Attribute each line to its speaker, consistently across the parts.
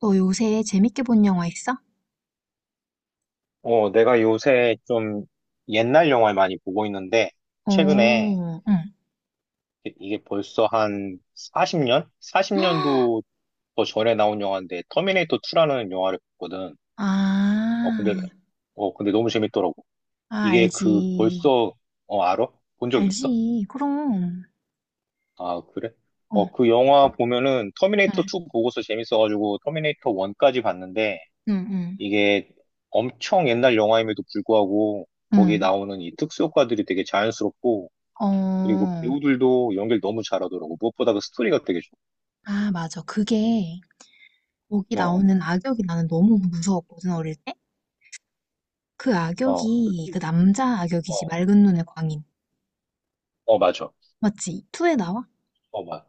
Speaker 1: 너 요새 재밌게 본 영화 있어?
Speaker 2: 내가 요새 좀 옛날 영화를 많이 보고 있는데,
Speaker 1: 오,
Speaker 2: 최근에
Speaker 1: 응.
Speaker 2: 이게 벌써 한 40년? 40년도 더 전에 나온 영화인데, 터미네이터 2라는 영화를 봤거든.
Speaker 1: 아,
Speaker 2: 어, 근데, 근데 너무 재밌더라고.
Speaker 1: 아,
Speaker 2: 이게 그
Speaker 1: 알지.
Speaker 2: 벌써, 알아? 본 적 있어?
Speaker 1: 알지. 그럼.
Speaker 2: 아, 그래?
Speaker 1: 어,
Speaker 2: 그 영화 보면은
Speaker 1: 응,
Speaker 2: 터미네이터 2 보고서 재밌어가지고 터미네이터 1까지 봤는데,
Speaker 1: 응, 응,
Speaker 2: 이게 엄청 옛날 영화임에도 불구하고, 거기에
Speaker 1: 응.
Speaker 2: 나오는 이 특수효과들이 되게 자연스럽고, 그리고
Speaker 1: 어,
Speaker 2: 배우들도 연기를 너무 잘하더라고. 무엇보다 그 스토리가 되게 좋고.
Speaker 1: 아, 맞아. 그게, 거기
Speaker 2: 어,
Speaker 1: 나오는 악역이 나는 너무 무서웠거든, 어릴 때? 그
Speaker 2: 어, 그-
Speaker 1: 악역이, 그 남자 악역이지.
Speaker 2: 어,
Speaker 1: 맑은 눈의 광인.
Speaker 2: 맞아.
Speaker 1: 맞지? 투에 나와?
Speaker 2: 맞아.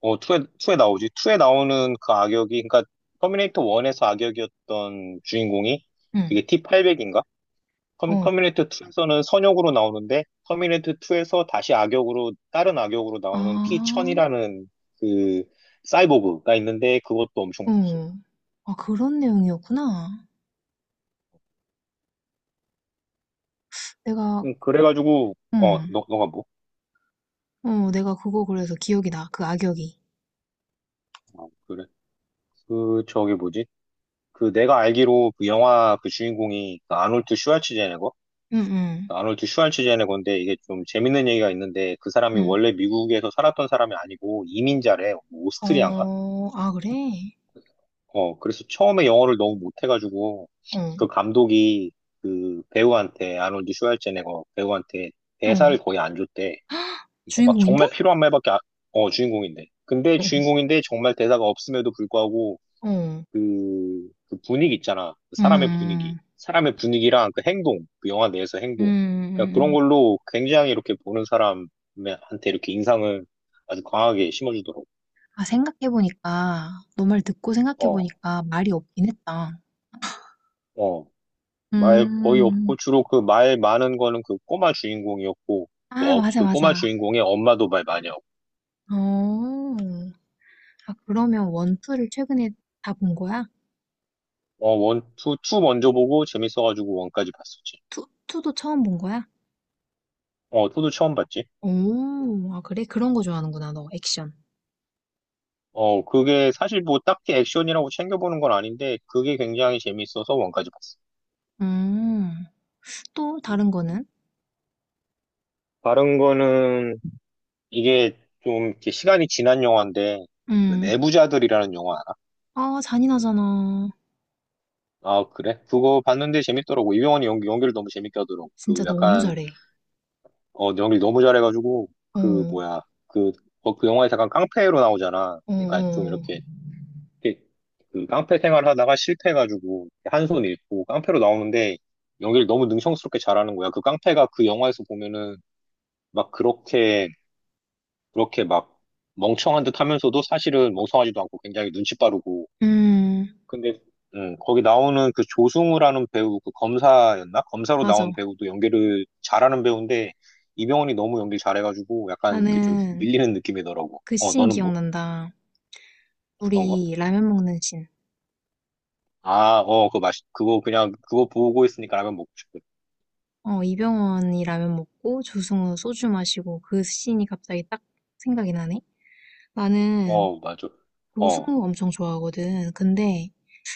Speaker 2: 투에 나오지. 2에 나오는 그 악역이, 그러니까 터미네이터 1에서 악역이었던 주인공이
Speaker 1: 응.
Speaker 2: 그게 T800인가?
Speaker 1: 어,
Speaker 2: 터미네이터 2에서는 선역으로 나오는데 터미네이터 2에서 다시 악역으로 다른 악역으로
Speaker 1: 아,
Speaker 2: 나오는 T1000이라는 그 사이보그가 있는데 그것도 엄청
Speaker 1: 어.
Speaker 2: 무서워.
Speaker 1: 아, 그런 내용이었구나. 내가,
Speaker 2: 그래가지고
Speaker 1: 응.
Speaker 2: 너가 뭐?
Speaker 1: 어, 내가 그거 그래서 기억이 나. 그 악역이.
Speaker 2: 그래. 그 저게 뭐지? 그 내가 알기로 그 영화 그 주인공이 그 아놀드 슈왈츠제네거?
Speaker 1: 응, 응,
Speaker 2: 그 아놀드 슈왈츠제네거인데 이게 좀 재밌는 얘기가 있는데 그 사람이
Speaker 1: 응.
Speaker 2: 원래 미국에서 살았던 사람이 아니고 이민자래. 뭐 오스트리아인가?
Speaker 1: 어, 아, 그래?
Speaker 2: 그래서 처음에 영어를 너무 못해가지고
Speaker 1: 어,
Speaker 2: 그 감독이 그 배우한테 아놀드 슈왈츠제네거 배우한테
Speaker 1: 어.
Speaker 2: 대사를 거의 안 줬대.
Speaker 1: 헉,
Speaker 2: 그러니까 막
Speaker 1: 주인공인데?
Speaker 2: 정말 필요한 말밖에 안- 주인공인데. 근데
Speaker 1: 어,
Speaker 2: 주인공인데 정말 대사가 없음에도 불구하고
Speaker 1: 어.
Speaker 2: 그 분위기 있잖아. 그 사람의 분위기.
Speaker 1: 음, 음,
Speaker 2: 사람의 분위기랑 그 행동, 그 영화 내에서 행동. 그러니까 그런
Speaker 1: 음.
Speaker 2: 걸로 굉장히 이렇게 보는 사람한테 이렇게 인상을 아주 강하게 심어주더라고.
Speaker 1: 아, 생각해보니까, 너 말 듣고
Speaker 2: 어,
Speaker 1: 생각해보니까 말이 없긴 했다.
Speaker 2: 어. 말 거의
Speaker 1: 음,
Speaker 2: 없고, 주로 그 말 많은 거는 그 꼬마 주인공이었고,
Speaker 1: 아, 맞아,
Speaker 2: 그 꼬마
Speaker 1: 맞아.
Speaker 2: 주인공의 엄마도 말 많이 하고.
Speaker 1: 어, 아, 그러면 원, 투를 최근에 다 본 거야?
Speaker 2: 원, 투 먼저 보고 재밌어가지고 원까지 봤었지.
Speaker 1: 투도 처음 본 거야?
Speaker 2: 투도 처음 봤지.
Speaker 1: 오, 아, 그래? 그런 거 좋아하는구나, 너, 액션.
Speaker 2: 그게 사실 뭐 딱히 액션이라고 챙겨보는 건 아닌데, 그게 굉장히 재밌어서 원까지 봤어.
Speaker 1: 음. 또 다른
Speaker 2: 음.
Speaker 1: 거는?
Speaker 2: 다른 거는 이게 좀 이렇게 시간이 지난 영화인데 그
Speaker 1: 음.
Speaker 2: 내부자들이라는 영화 알아?
Speaker 1: 아, 잔인하잖아.
Speaker 2: 아 그래? 그거 봤는데 재밌더라고. 이병헌이 연기를 너무 재밌게 하더라고.
Speaker 1: 진짜
Speaker 2: 그
Speaker 1: 너무
Speaker 2: 약간,
Speaker 1: 잘해.
Speaker 2: 연기 너무 잘해가지고 그
Speaker 1: 어,
Speaker 2: 뭐야, 그, 그 영화에 잠깐 깡패로 나오잖아.
Speaker 1: 어,
Speaker 2: 그러니까 좀
Speaker 1: 어.
Speaker 2: 이렇게, 이렇게 그 깡패 생활하다가 실패해가지고 한 손 잃고 깡패로 나오는데 연기를 너무 능청스럽게 잘하는 거야. 그 깡패가 그 영화에서 보면은 막 그렇게 그렇게 멍청한 듯 하면서도 사실은 멍청하지도 않고 굉장히 눈치 빠르고.
Speaker 1: 음,
Speaker 2: 근데, 거기 나오는 그 조승우라는 배우, 그 검사였나? 검사로
Speaker 1: 맞아.
Speaker 2: 나온 배우도 연기를 잘하는 배우인데, 이병헌이 너무 연기 잘해가지고 약간 이렇게 좀
Speaker 1: 나는
Speaker 2: 밀리는 느낌이더라고.
Speaker 1: 그 씬
Speaker 2: 너는 뭐?
Speaker 1: 기억난다.
Speaker 2: 어떤 거?
Speaker 1: 우리 라면 먹는 씬.
Speaker 2: 아, 그거 그냥, 그거 보고 있으니까 라면 먹고 싶어.
Speaker 1: 어, 이병헌이 라면 먹고 조승우 소주 마시고 그 씬이 갑자기 딱 생각이 나네. 나는
Speaker 2: 맞아. 어,
Speaker 1: 조승우 엄청 좋아하거든. 근데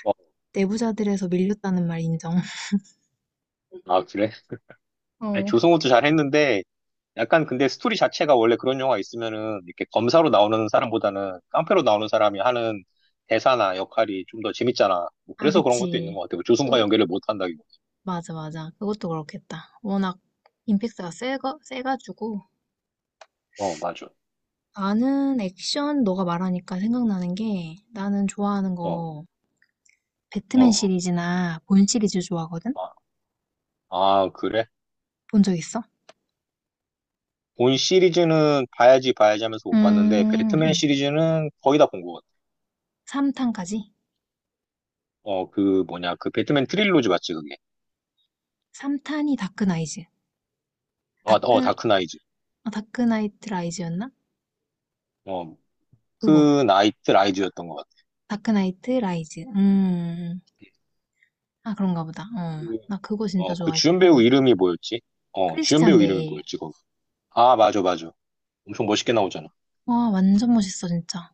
Speaker 2: 어.
Speaker 1: 내부자들에서 밀렸다는 말 인정.
Speaker 2: 아, 그래? 아니,
Speaker 1: 어.
Speaker 2: 조승우도 잘했는데, 약간 근데 스토리 자체가 원래 그런 영화 있으면은 이렇게 검사로 나오는 사람보다는 깡패로 나오는 사람이 하는 대사나 역할이 좀 더 재밌잖아. 뭐
Speaker 1: 아,
Speaker 2: 그래서 그런 것도 있는
Speaker 1: 그치.
Speaker 2: 것 같아. 뭐 조승과 연결을 못 한다기보다.
Speaker 1: 맞아, 맞아. 그것도 그렇겠다. 워낙 임팩트가 세가지고.
Speaker 2: 맞아.
Speaker 1: 나는 액션, 너가 말하니까 생각나는 게 나는 좋아하는
Speaker 2: 어,
Speaker 1: 거 배트맨
Speaker 2: 어.
Speaker 1: 시리즈나 본 시리즈 좋아하거든?
Speaker 2: 아, 아, 그래?
Speaker 1: 본 적 있어?
Speaker 2: 본 시리즈는 봐야지 봐야지 하면서 못 봤는데 배트맨
Speaker 1: 음,
Speaker 2: 시리즈는 거의 다 본 것 같아.
Speaker 1: 3탄까지?
Speaker 2: 그 뭐냐, 그 배트맨 트릴로지 맞지 그게?
Speaker 1: 3탄이 다크나이즈.
Speaker 2: 아,
Speaker 1: 다크,
Speaker 2: 다크 나이즈.
Speaker 1: 아, 다크나이트 라이즈였나?
Speaker 2: 어,
Speaker 1: 그거.
Speaker 2: 그 나이트 라이즈였던 것 같아.
Speaker 1: 다크나이트 라이즈. 아, 그런가 보다. 어.
Speaker 2: 그,
Speaker 1: 나 그거 진짜
Speaker 2: 그 주연 배우
Speaker 1: 좋아했고.
Speaker 2: 이름이 뭐였지? 주연
Speaker 1: 크리스찬
Speaker 2: 배우 이름이
Speaker 1: 베일.
Speaker 2: 뭐였지? 아, 맞아, 맞아. 엄청 멋있게 나오잖아.
Speaker 1: 와, 완전 멋있어, 진짜.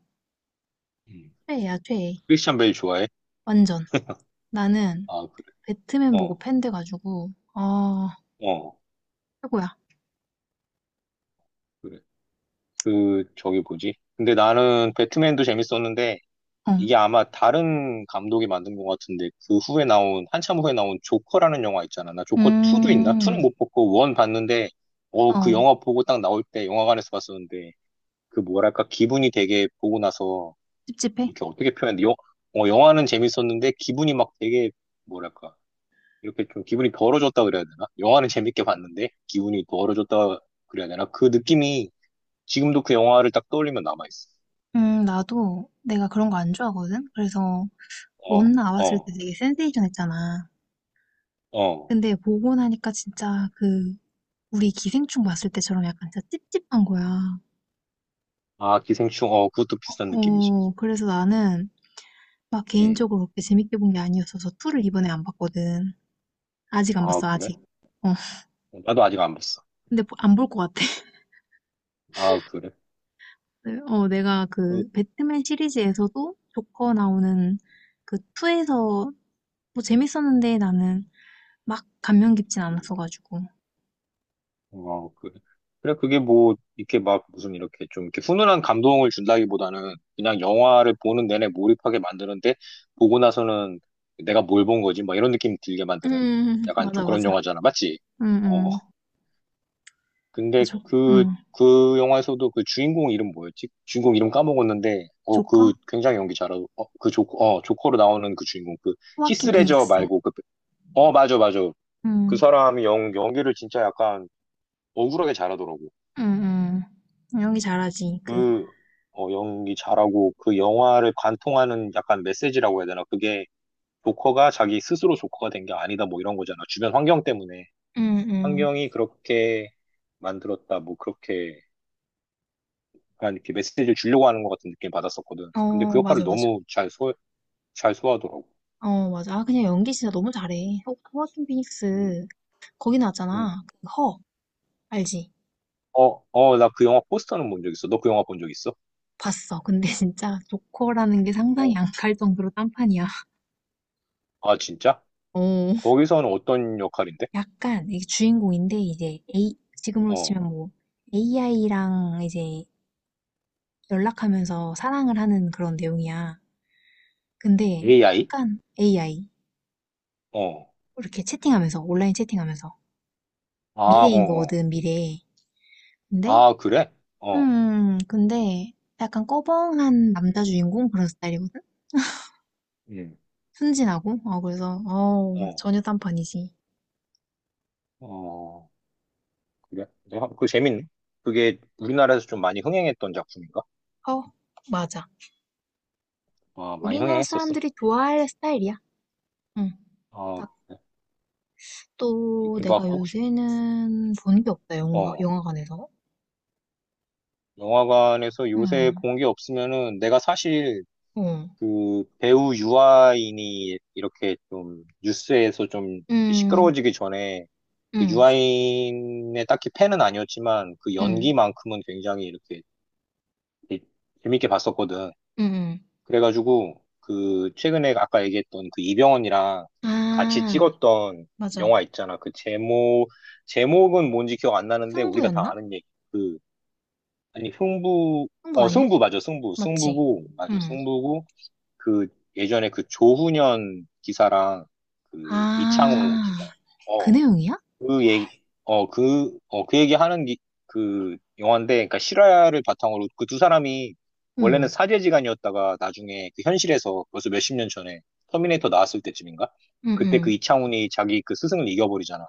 Speaker 2: 음.
Speaker 1: 최애야, 최애.
Speaker 2: 크리스찬 베일 좋아해?
Speaker 1: 완전. 나는
Speaker 2: 아, 그래.
Speaker 1: 배트맨 보고
Speaker 2: 어,
Speaker 1: 팬 돼가지고 아
Speaker 2: 어,
Speaker 1: 최고야.
Speaker 2: 그래. 그, 저기 뭐지? 근데 나는 배트맨도 재밌었는데,
Speaker 1: 어,
Speaker 2: 이게 아마 다른 감독이 만든 것 같은데, 한참 후에 나온 조커라는 영화 있잖아. 나 조커 2도 있나?
Speaker 1: 음,
Speaker 2: 2는 못 봤고, 1 봤는데, 그
Speaker 1: 어,
Speaker 2: 영화 보고 딱 나올 때 영화관에서 봤었는데, 그 뭐랄까, 기분이 되게 보고 나서,
Speaker 1: 찝찝해.
Speaker 2: 이렇게 어떻게 표현해? 영화는 재밌었는데, 기분이 막 되게, 뭐랄까, 이렇게 좀 기분이 벌어졌다 그래야 되나? 영화는 재밌게 봤는데 기분이 벌어졌다 그래야 되나? 그 느낌이 지금도 그 영화를 딱 떠올리면 남아있어.
Speaker 1: 나도 내가 그런 거 안 좋아하거든. 그래서 원
Speaker 2: 어,
Speaker 1: 나왔을 때
Speaker 2: 어,
Speaker 1: 되게 센세이션했잖아.
Speaker 2: 어.
Speaker 1: 근데 보고 나니까 진짜 그 우리 기생충 봤을 때처럼 약간 진짜 찝찝한 거야.
Speaker 2: 아, 기생충, 그것도
Speaker 1: 어,
Speaker 2: 비슷한 느낌이지.
Speaker 1: 어, 그래서 나는 막
Speaker 2: 응.
Speaker 1: 개인적으로 그렇게 재밌게 본 게 아니었어서 2를 이번에 안 봤거든. 아직 안
Speaker 2: 아,
Speaker 1: 봤어,
Speaker 2: 그래?
Speaker 1: 아직. 어,
Speaker 2: 나도 아직 안 봤어.
Speaker 1: 근데 안 볼 것 같아.
Speaker 2: 아, 그래?
Speaker 1: 네, 어, 내가
Speaker 2: 그,
Speaker 1: 그 배트맨 시리즈에서도 조커 나오는 그 2에서 뭐 재밌었는데 나는 막 감명 깊진
Speaker 2: 음.
Speaker 1: 않았어가지고.
Speaker 2: 어, 그, 그래, 그게 뭐, 이렇게 막 무슨 이렇게 좀 이렇게 훈훈한 감동을 준다기보다는 그냥 영화를 보는 내내 몰입하게 만드는데, 보고 나서는 내가 뭘 본 거지? 막 이런 느낌 들게 만드는 약간 좀
Speaker 1: 맞아,
Speaker 2: 그런
Speaker 1: 맞아.
Speaker 2: 영화잖아. 맞지?
Speaker 1: 응,
Speaker 2: 어,
Speaker 1: 응. 아,
Speaker 2: 근데
Speaker 1: 조,
Speaker 2: 그,
Speaker 1: 응.
Speaker 2: 그 영화에서도 그 주인공 이름 뭐였지? 주인공 이름 까먹었는데,
Speaker 1: 조커?
Speaker 2: 그 굉장히 연기 잘하고, 조커로 나오는 그 주인공, 그,
Speaker 1: 호아킨
Speaker 2: 히스레저
Speaker 1: 피닉스.
Speaker 2: 말고, 그, 맞아, 맞아. 그
Speaker 1: 응,
Speaker 2: 사람이 연기를 진짜 약간 억울하게 잘하더라고.
Speaker 1: 응, 응. 연기 잘하지, 그.
Speaker 2: 그 연기 잘하고 그 영화를 관통하는 약간 메시지라고 해야 되나? 그게 조커가 자기 스스로 조커가 된 게 아니다 뭐 이런 거잖아. 주변 환경 때문에.
Speaker 1: 응응
Speaker 2: 환경이 그렇게 만들었다 뭐 그렇게 약간 이렇게 메시지를 주려고 하는 것 같은 느낌 받았었거든. 근데 그
Speaker 1: 어,
Speaker 2: 역할을
Speaker 1: 맞아, 맞아.
Speaker 2: 너무 잘 소화하더라고.
Speaker 1: 어, 맞아. 아, 그냥 연기 진짜 너무 잘해. 호아킨
Speaker 2: 음,
Speaker 1: 피닉스, 거기
Speaker 2: 음.
Speaker 1: 나왔잖아. 알지?
Speaker 2: 나 그 영화 포스터는 본 적 있어. 너 그 영화 본 적 있어?
Speaker 1: 봤어. 근데 진짜 조커라는 게
Speaker 2: 어,
Speaker 1: 상상이 안 갈 정도로 딴판이야.
Speaker 2: 아, 진짜?
Speaker 1: 어,
Speaker 2: 거기서는 어떤 역할인데?
Speaker 1: 약간 이게 주인공인데 이제 A 지금으로
Speaker 2: 어,
Speaker 1: 치면 뭐 AI랑 이제 연락하면서 사랑을 하는 그런 내용이야. 근데
Speaker 2: AI?
Speaker 1: 약간 AI
Speaker 2: 어,
Speaker 1: 이렇게 채팅하면서 온라인 채팅하면서
Speaker 2: 아, 어,
Speaker 1: 미래인
Speaker 2: 어.
Speaker 1: 거거든 미래. 근데
Speaker 2: 아, 그래? 어.
Speaker 1: 근데 약간 꺼벙한 남자 주인공 그런 스타일이거든.
Speaker 2: 음,
Speaker 1: 순진하고 어 그래서 어
Speaker 2: 어,
Speaker 1: 전혀 딴판이지.
Speaker 2: 어, 그래? 내가 그거 재밌네. 그게 우리나라에서 좀 많이 흥행했던 작품인가?
Speaker 1: 어 맞아.
Speaker 2: 아, 많이
Speaker 1: 우리나라
Speaker 2: 흥행했었어.
Speaker 1: 사람들이 좋아할 스타일이야. 응.
Speaker 2: 아, 그래.
Speaker 1: 딱또
Speaker 2: 이게
Speaker 1: 내가
Speaker 2: 막 혹시,
Speaker 1: 요새는 본 게 없다, 영화
Speaker 2: 어,
Speaker 1: 영화관에서.
Speaker 2: 영화관에서 요새
Speaker 1: 응.
Speaker 2: 본 게 없으면은 내가 사실
Speaker 1: 어.
Speaker 2: 그 배우 유아인이 이렇게 좀 뉴스에서 좀 이렇게
Speaker 1: 응,
Speaker 2: 시끄러워지기 전에, 그
Speaker 1: 응,
Speaker 2: 유아인의 딱히 팬은 아니었지만 그
Speaker 1: 응,
Speaker 2: 연기만큼은 굉장히 이렇게 재밌게 봤었거든.
Speaker 1: 응, 응.
Speaker 2: 그래가지고 그 최근에 아까 얘기했던 그 이병헌이랑 같이
Speaker 1: 아,
Speaker 2: 찍었던
Speaker 1: 맞아.
Speaker 2: 영화 있잖아. 그 제목은 뭔지 기억 안 나는데 우리가 다
Speaker 1: 승부였나?
Speaker 2: 아는 얘기. 그 아니, 승부
Speaker 1: 승부
Speaker 2: 어
Speaker 1: 아니야?
Speaker 2: 승부 맞아, 승부
Speaker 1: 맞지?
Speaker 2: 승부고 맞아,
Speaker 1: 응.
Speaker 2: 승부고. 그 예전에 그 조훈현 기사랑 그 이창호
Speaker 1: 아,
Speaker 2: 기사.
Speaker 1: 그
Speaker 2: 어,
Speaker 1: 내용이야?
Speaker 2: 그 얘기, 어, 그, 어, 그 얘기 하는 그 영화인데, 그러니까 실화를 바탕으로 그 두 사람이 원래는
Speaker 1: 응,
Speaker 2: 사제지간이었다가 나중에 그 현실에서 벌써 몇십 년 전에 터미네이터 나왔을 때쯤인가?
Speaker 1: 응,
Speaker 2: 그때 그
Speaker 1: 응.
Speaker 2: 이창훈이 자기 그 스승을 이겨버리잖아.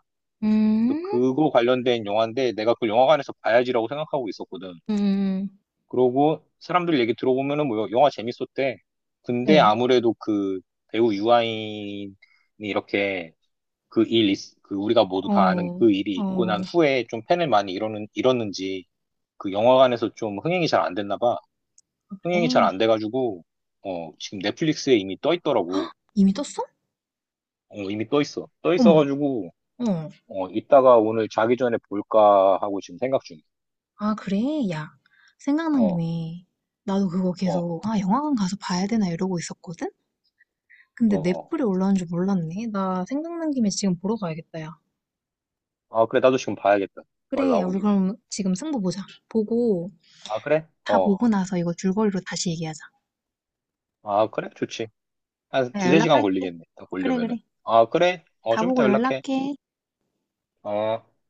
Speaker 2: 또
Speaker 1: 음,
Speaker 2: 그거 관련된 영화인데 내가 그걸 영화관에서 봐야지라고 생각하고 있었거든.
Speaker 1: 응, 응,
Speaker 2: 그러고 사람들 얘기 들어보면은 뭐 영화 재밌었대. 근데
Speaker 1: 응.
Speaker 2: 아무래도 그 배우 유아인이 이렇게 그 일, 그 우리가 모두 다 아는
Speaker 1: 어,
Speaker 2: 그 일이 있고
Speaker 1: 어,
Speaker 2: 난 후에 좀 팬을 많이 잃었는지 그 영화관에서 좀 흥행이 잘 안 됐나 봐. 흥행이 잘
Speaker 1: 그래.
Speaker 2: 안 돼가지고, 지금 넷플릭스에 이미 떠
Speaker 1: 헉,
Speaker 2: 있더라고.
Speaker 1: 이미 떴어?
Speaker 2: 이미 떠 있어. 떠
Speaker 1: 어머,
Speaker 2: 있어가지고,
Speaker 1: 어.
Speaker 2: 이따가 오늘 자기 전에 볼까 하고 지금 생각 중이야.
Speaker 1: 아, 그래? 야, 생각난
Speaker 2: 어,
Speaker 1: 김에 나도 그거
Speaker 2: 어,
Speaker 1: 계속 아, 영화관 가서 봐야 되나 이러고 있었거든?
Speaker 2: 어,
Speaker 1: 근데
Speaker 2: 어.
Speaker 1: 넷플에 올라온 줄 몰랐네. 나 생각난 김에 지금 보러 가야겠다, 야.
Speaker 2: 아, 그래. 나도 지금 봐야겠다. 말
Speaker 1: 그래, 야,
Speaker 2: 나온
Speaker 1: 우리
Speaker 2: 김에.
Speaker 1: 그럼 지금 승부 보자. 보고,
Speaker 2: 아, 그래?
Speaker 1: 다
Speaker 2: 어.
Speaker 1: 보고 나서 이거 줄거리로 다시 얘기하자.
Speaker 2: 아, 그래? 좋지. 한
Speaker 1: 내가
Speaker 2: 두세 시간
Speaker 1: 연락할게.
Speaker 2: 걸리겠네. 다
Speaker 1: 그래,
Speaker 2: 보려면은.
Speaker 1: 그래.
Speaker 2: 아, 그래?
Speaker 1: 다
Speaker 2: 좀 이따
Speaker 1: 보고
Speaker 2: 연락해.
Speaker 1: 연락해.
Speaker 2: 어.